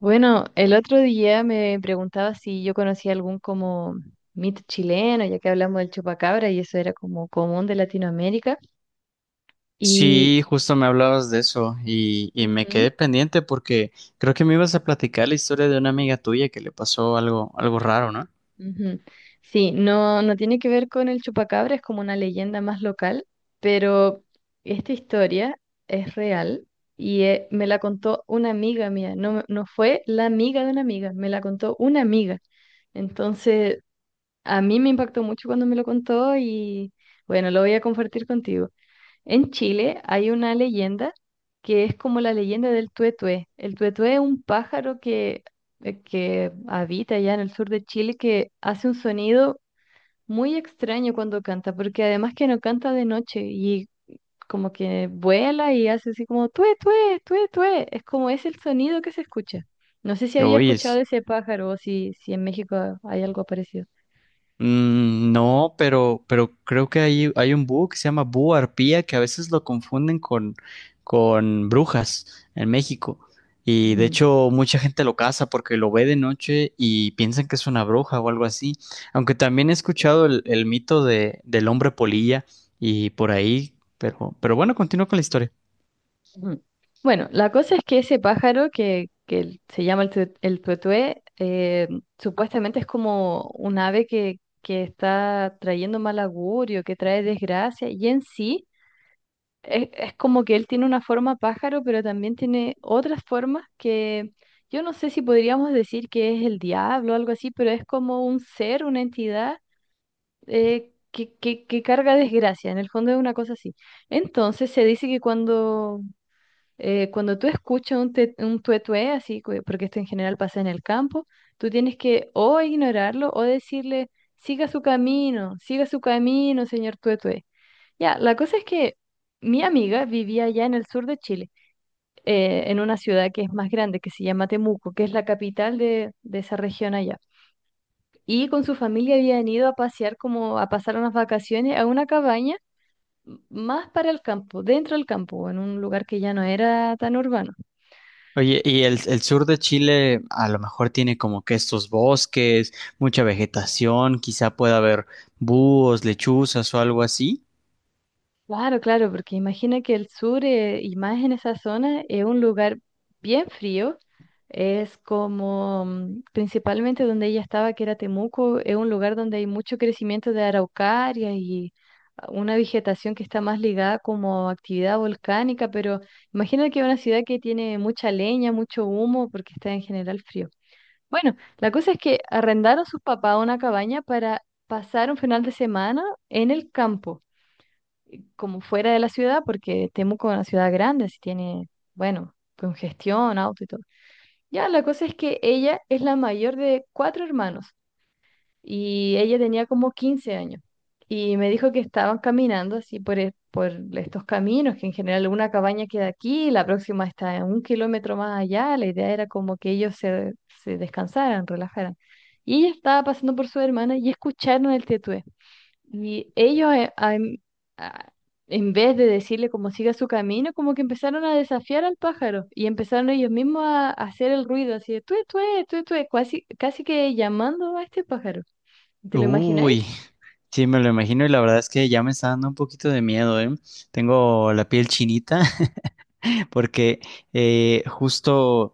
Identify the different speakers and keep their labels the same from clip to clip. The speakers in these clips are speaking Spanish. Speaker 1: Bueno, el otro día me preguntaba si yo conocía algún como mito chileno, ya que hablamos del chupacabra y eso era como común de Latinoamérica. Y
Speaker 2: Sí, justo me hablabas de eso y me
Speaker 1: Ujú,
Speaker 2: quedé pendiente porque creo que me ibas a platicar la historia de una amiga tuya que le pasó algo raro, ¿no?
Speaker 1: ujú. Sí, no tiene que ver con el chupacabra, es como una leyenda más local, pero esta historia es real y me la contó una amiga mía, no, no fue la amiga de una amiga, me la contó una amiga. Entonces A mí me impactó mucho cuando me lo contó y bueno, lo voy a compartir contigo. En Chile hay una leyenda que es como la leyenda del tuetué. El tuetué es un pájaro que habita allá en el sur de Chile, que hace un sonido muy extraño cuando canta, porque además que no canta de noche y como que vuela y hace así como tué, tué, tué, tué. Es como es el sonido que se escucha. No sé si había
Speaker 2: Oye,
Speaker 1: escuchado
Speaker 2: sí.
Speaker 1: de ese pájaro o si en México hay algo parecido.
Speaker 2: Mm, no, pero creo que hay un búho que se llama búho arpía que a veces lo confunden con brujas en México. Y de
Speaker 1: Mm.
Speaker 2: hecho, mucha gente lo caza porque lo ve de noche y piensan que es una bruja o algo así. Aunque también he escuchado el mito del hombre polilla y por ahí, pero bueno, continúo con la historia.
Speaker 1: Ujú. Bueno, la cosa es que ese pájaro que se llama el, el tuetué, supuestamente es como un ave que está trayendo mal augurio, que trae desgracia, y en sí es como que él tiene una forma pájaro, pero también tiene otras formas que yo no sé si podríamos decir que es el diablo o algo así, pero es como un ser, una entidad que carga desgracia, en el fondo es una cosa así. Entonces se dice que cuando tú escuchas un, un tuetué, así, porque esto en general pasa en el campo, tú tienes que o ignorarlo o decirle, siga su camino, señor tuetué. Ya, la cosa es que mi amiga vivía allá en el sur de Chile, en una ciudad que es más grande, que se llama Temuco, que es la capital de esa región allá. Y con su familia habían ido a pasear, como a pasar unas vacaciones a una cabaña más para el campo, dentro del campo, en un lugar que ya no era tan urbano.
Speaker 2: Oye, y el sur de Chile a lo mejor tiene como que estos bosques, mucha vegetación, quizá pueda haber búhos, lechuzas o algo así.
Speaker 1: Claro, claro, porque imagina que el sur, y más en esa zona, es un lugar bien frío. Es como, principalmente donde ella estaba, que era Temuco, es un lugar donde hay mucho crecimiento de araucaria y una vegetación que está más ligada como a actividad volcánica, pero imagina que es una ciudad que tiene mucha leña, mucho humo, porque está en general frío. Bueno, la cosa es que arrendaron sus papás una cabaña para pasar un final de semana en el campo, como fuera de la ciudad, porque Temuco es una ciudad grande, así tiene, bueno, congestión, auto y todo. Ya, la cosa es que ella es la mayor de cuatro hermanos y ella tenía como 15 años. Y me dijo que estaban caminando así por estos caminos, que en general una cabaña queda aquí, la próxima está a 1 kilómetro más allá. La idea era como que se descansaran, relajaran. Y ella estaba pasando por su hermana y escucharon el tetué. Y ellos, a- en vez de decirle cómo siga su camino, como que empezaron a desafiar al pájaro y empezaron ellos mismos a hacer el ruido así de tué, tué, tué, tué, casi, casi que llamando a este pájaro. ¿Te lo imagináis?
Speaker 2: Uy. Sí, me lo imagino y la verdad es que ya me está dando un poquito de miedo, ¿eh? Tengo la piel chinita porque eh, justo,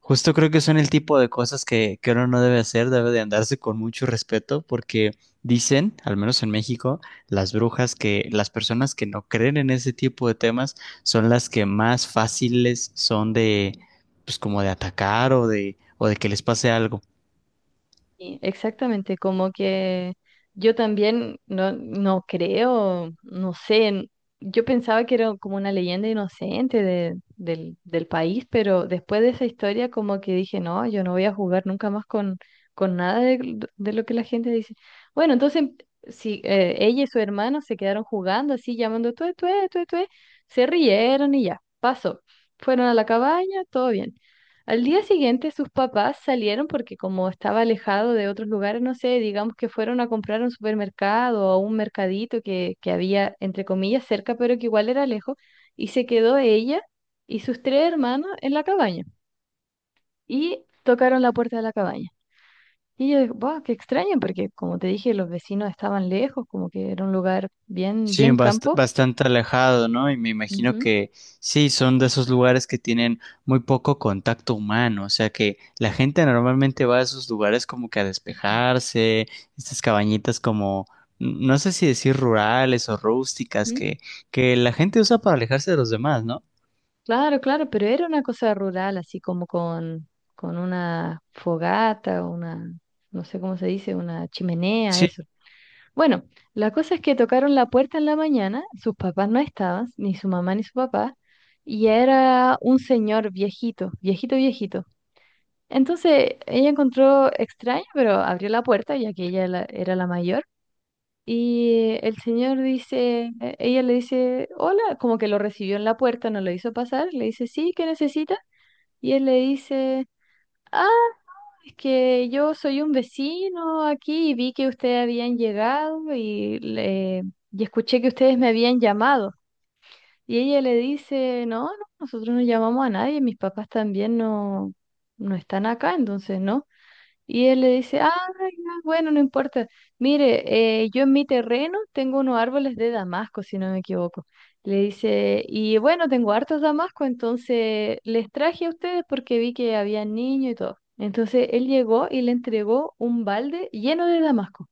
Speaker 2: justo creo que son el tipo de cosas que uno no debe hacer, debe de andarse con mucho respeto porque dicen, al menos en México, las brujas que las personas que no creen en ese tipo de temas son las que más fáciles son pues como de atacar o de que les pase algo.
Speaker 1: Sí, exactamente, como que yo también no creo, no sé, yo pensaba que era como una leyenda inocente del país, pero después de esa historia como que dije, no, yo no voy a jugar nunca más con nada de, de lo que la gente dice. Bueno, entonces si ella y su hermano se quedaron jugando así, llamando tué, tué, tué, tué, se rieron y ya, pasó. Fueron a la cabaña, todo bien. Al día siguiente sus papás salieron porque como estaba alejado de otros lugares, no sé, digamos que fueron a comprar a un supermercado o a un mercadito que había, entre comillas, cerca, pero que igual era lejos, y se quedó ella y sus tres hermanos en la cabaña. Y tocaron la puerta de la cabaña. Y yo dije, wow, qué extraño, porque como te dije, los vecinos estaban lejos, como que era un lugar bien,
Speaker 2: Sí,
Speaker 1: bien campo.
Speaker 2: bastante alejado, ¿no? Y me imagino
Speaker 1: Ujú.
Speaker 2: que sí, son de esos lugares que tienen muy poco contacto humano, o sea que la gente normalmente va a esos lugares como que a despejarse, estas cabañitas como, no sé si decir rurales o rústicas,
Speaker 1: ¿Mm?
Speaker 2: que la gente usa para alejarse de los demás, ¿no?
Speaker 1: Claro, claro, pero era una cosa rural, así como con una fogata, una, no sé cómo se dice, una chimenea, eso. Bueno, la cosa es que tocaron la puerta en la mañana, sus papás no estaban, ni su mamá ni su papá, y era un señor viejito, viejito, viejito. Entonces ella encontró extraño, pero abrió la puerta, ya que ella era la mayor, y el señor dice, ella le dice, hola, como que lo recibió en la puerta, no lo hizo pasar, le dice, sí, ¿qué necesita? Y él le dice, ah, es que yo soy un vecino aquí y vi que ustedes habían llegado y escuché que ustedes me habían llamado. Y ella le dice, no, no, nosotros no llamamos a nadie, mis papás también no, no están acá, entonces no. Y él le dice, ah, ya, bueno, no importa. Mire, yo en mi terreno tengo unos árboles de damasco, si no me equivoco. Le dice, y bueno, tengo hartos damascos, entonces les traje a ustedes porque vi que había niños y todo. Entonces él llegó y le entregó un balde lleno de damasco.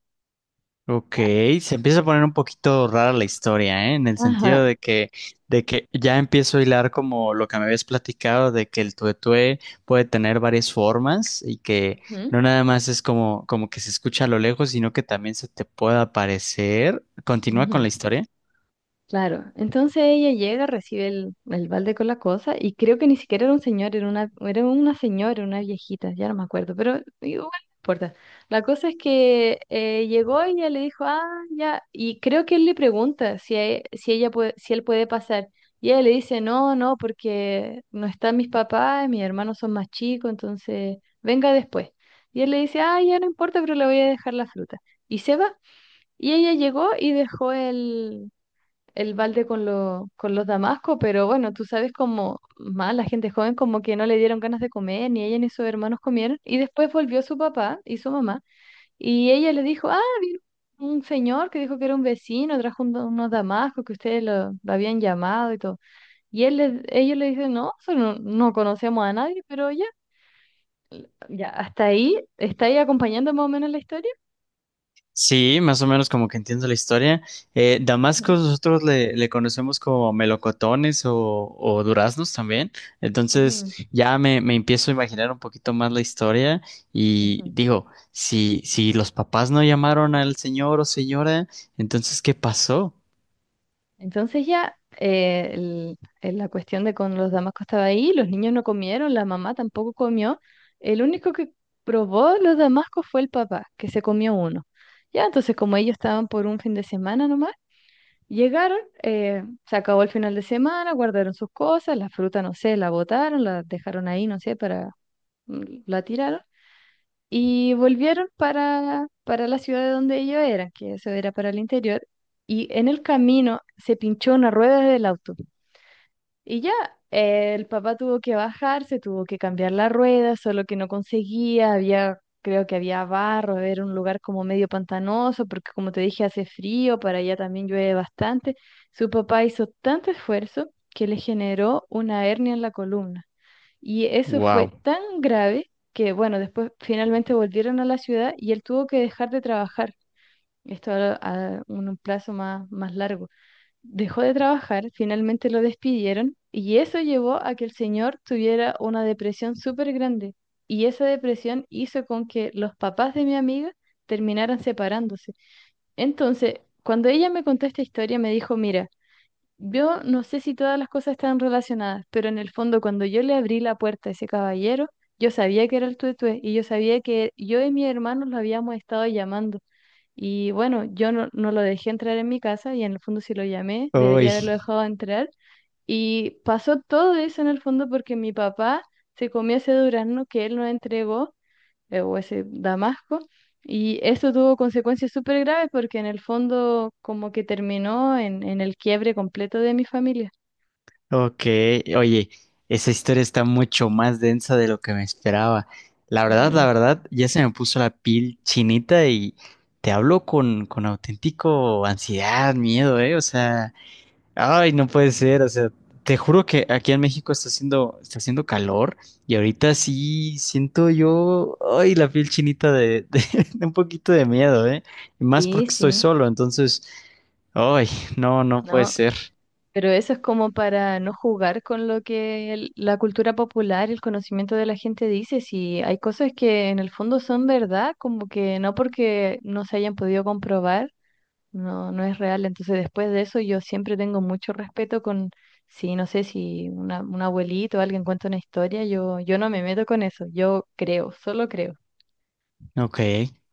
Speaker 2: Ok,
Speaker 1: Ya.
Speaker 2: se empieza a poner un poquito rara la historia, ¿eh? En el sentido
Speaker 1: Ajá.
Speaker 2: de que ya empiezo a hilar como lo que me habías platicado, de que el tuetué puede tener varias formas y que no
Speaker 1: Ujú,
Speaker 2: nada más es como, como que se escucha a lo lejos, sino que también se te puede aparecer. ¿Continúa con
Speaker 1: ujú.
Speaker 2: la historia?
Speaker 1: Claro, entonces ella llega, recibe el balde con la cosa y creo que ni siquiera era un señor, era una señora, una viejita, ya no me acuerdo, pero igual no importa. La cosa es que llegó y ella le dijo, ah, ya, y creo que él le pregunta si él puede pasar. Y ella le dice, no, no, porque no están mis papás, mis hermanos son más chicos, entonces venga después. Y él le dice, ah, ya no importa, pero le voy a dejar la fruta. Y se va. Y ella llegó y dejó el balde con, con los damascos, pero bueno, tú sabes como más la gente joven como que no le dieron ganas de comer, ni ella ni sus hermanos comieron, y después volvió su papá y su mamá, y ella le dijo, ah, un señor que dijo que era un vecino, trajo unos damascos que lo habían llamado y todo, y ellos le dicen, no, eso no, no conocemos a nadie, pero ya, ya, hasta ahí, ¿está ahí acompañando más o menos la historia?
Speaker 2: Sí, más o menos como que entiendo la historia.
Speaker 1: Ujú,
Speaker 2: Damasco nosotros le conocemos como melocotones o duraznos también.
Speaker 1: ujú,
Speaker 2: Entonces ya me empiezo a imaginar un poquito más la historia y
Speaker 1: ujú.
Speaker 2: digo, si los papás no llamaron al señor o señora, entonces ¿qué pasó?
Speaker 1: Entonces ya la cuestión de con los damascos estaba ahí, los niños no comieron, la mamá tampoco comió. El único que probó los damascos fue el papá, que se comió uno. Ya, entonces como ellos estaban por un fin de semana nomás, llegaron, se acabó el final de semana, guardaron sus cosas, la fruta, no sé, la botaron, la dejaron ahí, no sé, para, la tiraron. Y volvieron para la ciudad de donde ellos eran, que eso era para el interior, y en el camino se pinchó una rueda del auto. Y ya, el papá tuvo que bajarse, tuvo que cambiar la rueda, solo que no conseguía, había, creo que había barro, era un lugar como medio pantanoso, porque como te dije, hace frío, para allá también llueve bastante. Su papá hizo tanto esfuerzo que le generó una hernia en la columna. Y eso fue
Speaker 2: Wow.
Speaker 1: tan grave que, bueno, después finalmente volvieron a la ciudad y él tuvo que dejar de trabajar. Esto a un plazo más, más largo. Dejó de trabajar, finalmente lo despidieron y eso llevó a que el señor tuviera una depresión súper grande. Y esa depresión hizo con que los papás de mi amiga terminaran separándose. Entonces, cuando ella me contó esta historia, me dijo, mira, yo no sé si todas las cosas están relacionadas, pero en el fondo cuando yo le abrí la puerta a ese caballero, yo sabía que era el tuetué y yo sabía que yo y mi hermano lo habíamos estado llamando. Y bueno, yo no lo dejé entrar en mi casa y en el fondo si lo llamé, debería haberlo dejado entrar. Y pasó todo eso en el fondo porque mi papá se comió ese durazno que él nos entregó o ese Damasco. Y eso tuvo consecuencias súper graves porque en el fondo como que terminó en el quiebre completo de mi familia.
Speaker 2: Ok, oye, esa historia está mucho más densa de lo que me esperaba. La
Speaker 1: Ujú.
Speaker 2: verdad, ya se me puso la piel chinita y te hablo con auténtico ansiedad, miedo, ¿eh? O sea, ay, no puede ser, o sea, te juro que aquí en México está haciendo calor y ahorita sí siento yo, ay, la piel chinita de un poquito de miedo, ¿eh? Y más
Speaker 1: Sí,
Speaker 2: porque estoy
Speaker 1: sí,
Speaker 2: solo, entonces, ay, no puede
Speaker 1: no.
Speaker 2: ser.
Speaker 1: Pero eso es como para no jugar con lo que la cultura popular, el conocimiento de la gente dice. Si hay cosas que en el fondo son verdad, como que no porque no se hayan podido comprobar no, no es real. Entonces, después de eso, yo siempre tengo mucho respeto con, si no sé, si una, un abuelito o alguien cuenta una historia, yo no me meto con eso, yo creo, solo creo.
Speaker 2: Ok,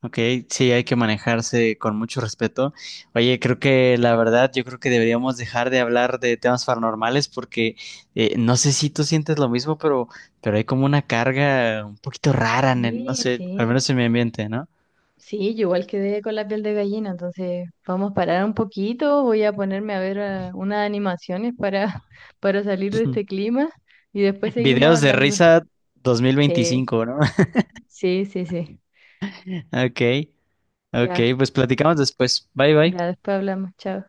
Speaker 2: ok, sí, hay que manejarse con mucho respeto. Oye, creo que la verdad, yo creo que deberíamos dejar de hablar de temas paranormales porque no sé si tú sientes lo mismo, pero hay como una carga un poquito rara en el- no
Speaker 1: Sí,
Speaker 2: sé, al
Speaker 1: sí,
Speaker 2: menos en mi ambiente, ¿no?
Speaker 1: sí, yo igual quedé con la piel de gallina, entonces vamos a parar un poquito, voy a ponerme a ver unas animaciones para, para salir de este clima y después seguimos
Speaker 2: Videos de
Speaker 1: hablando.
Speaker 2: risa dos mil
Speaker 1: Sí,
Speaker 2: veinticinco, ¿no?
Speaker 1: sí, sí, sí,
Speaker 2: Ok, ok,
Speaker 1: ya,
Speaker 2: pues platicamos después. Bye, bye.
Speaker 1: ya después hablamos, chao.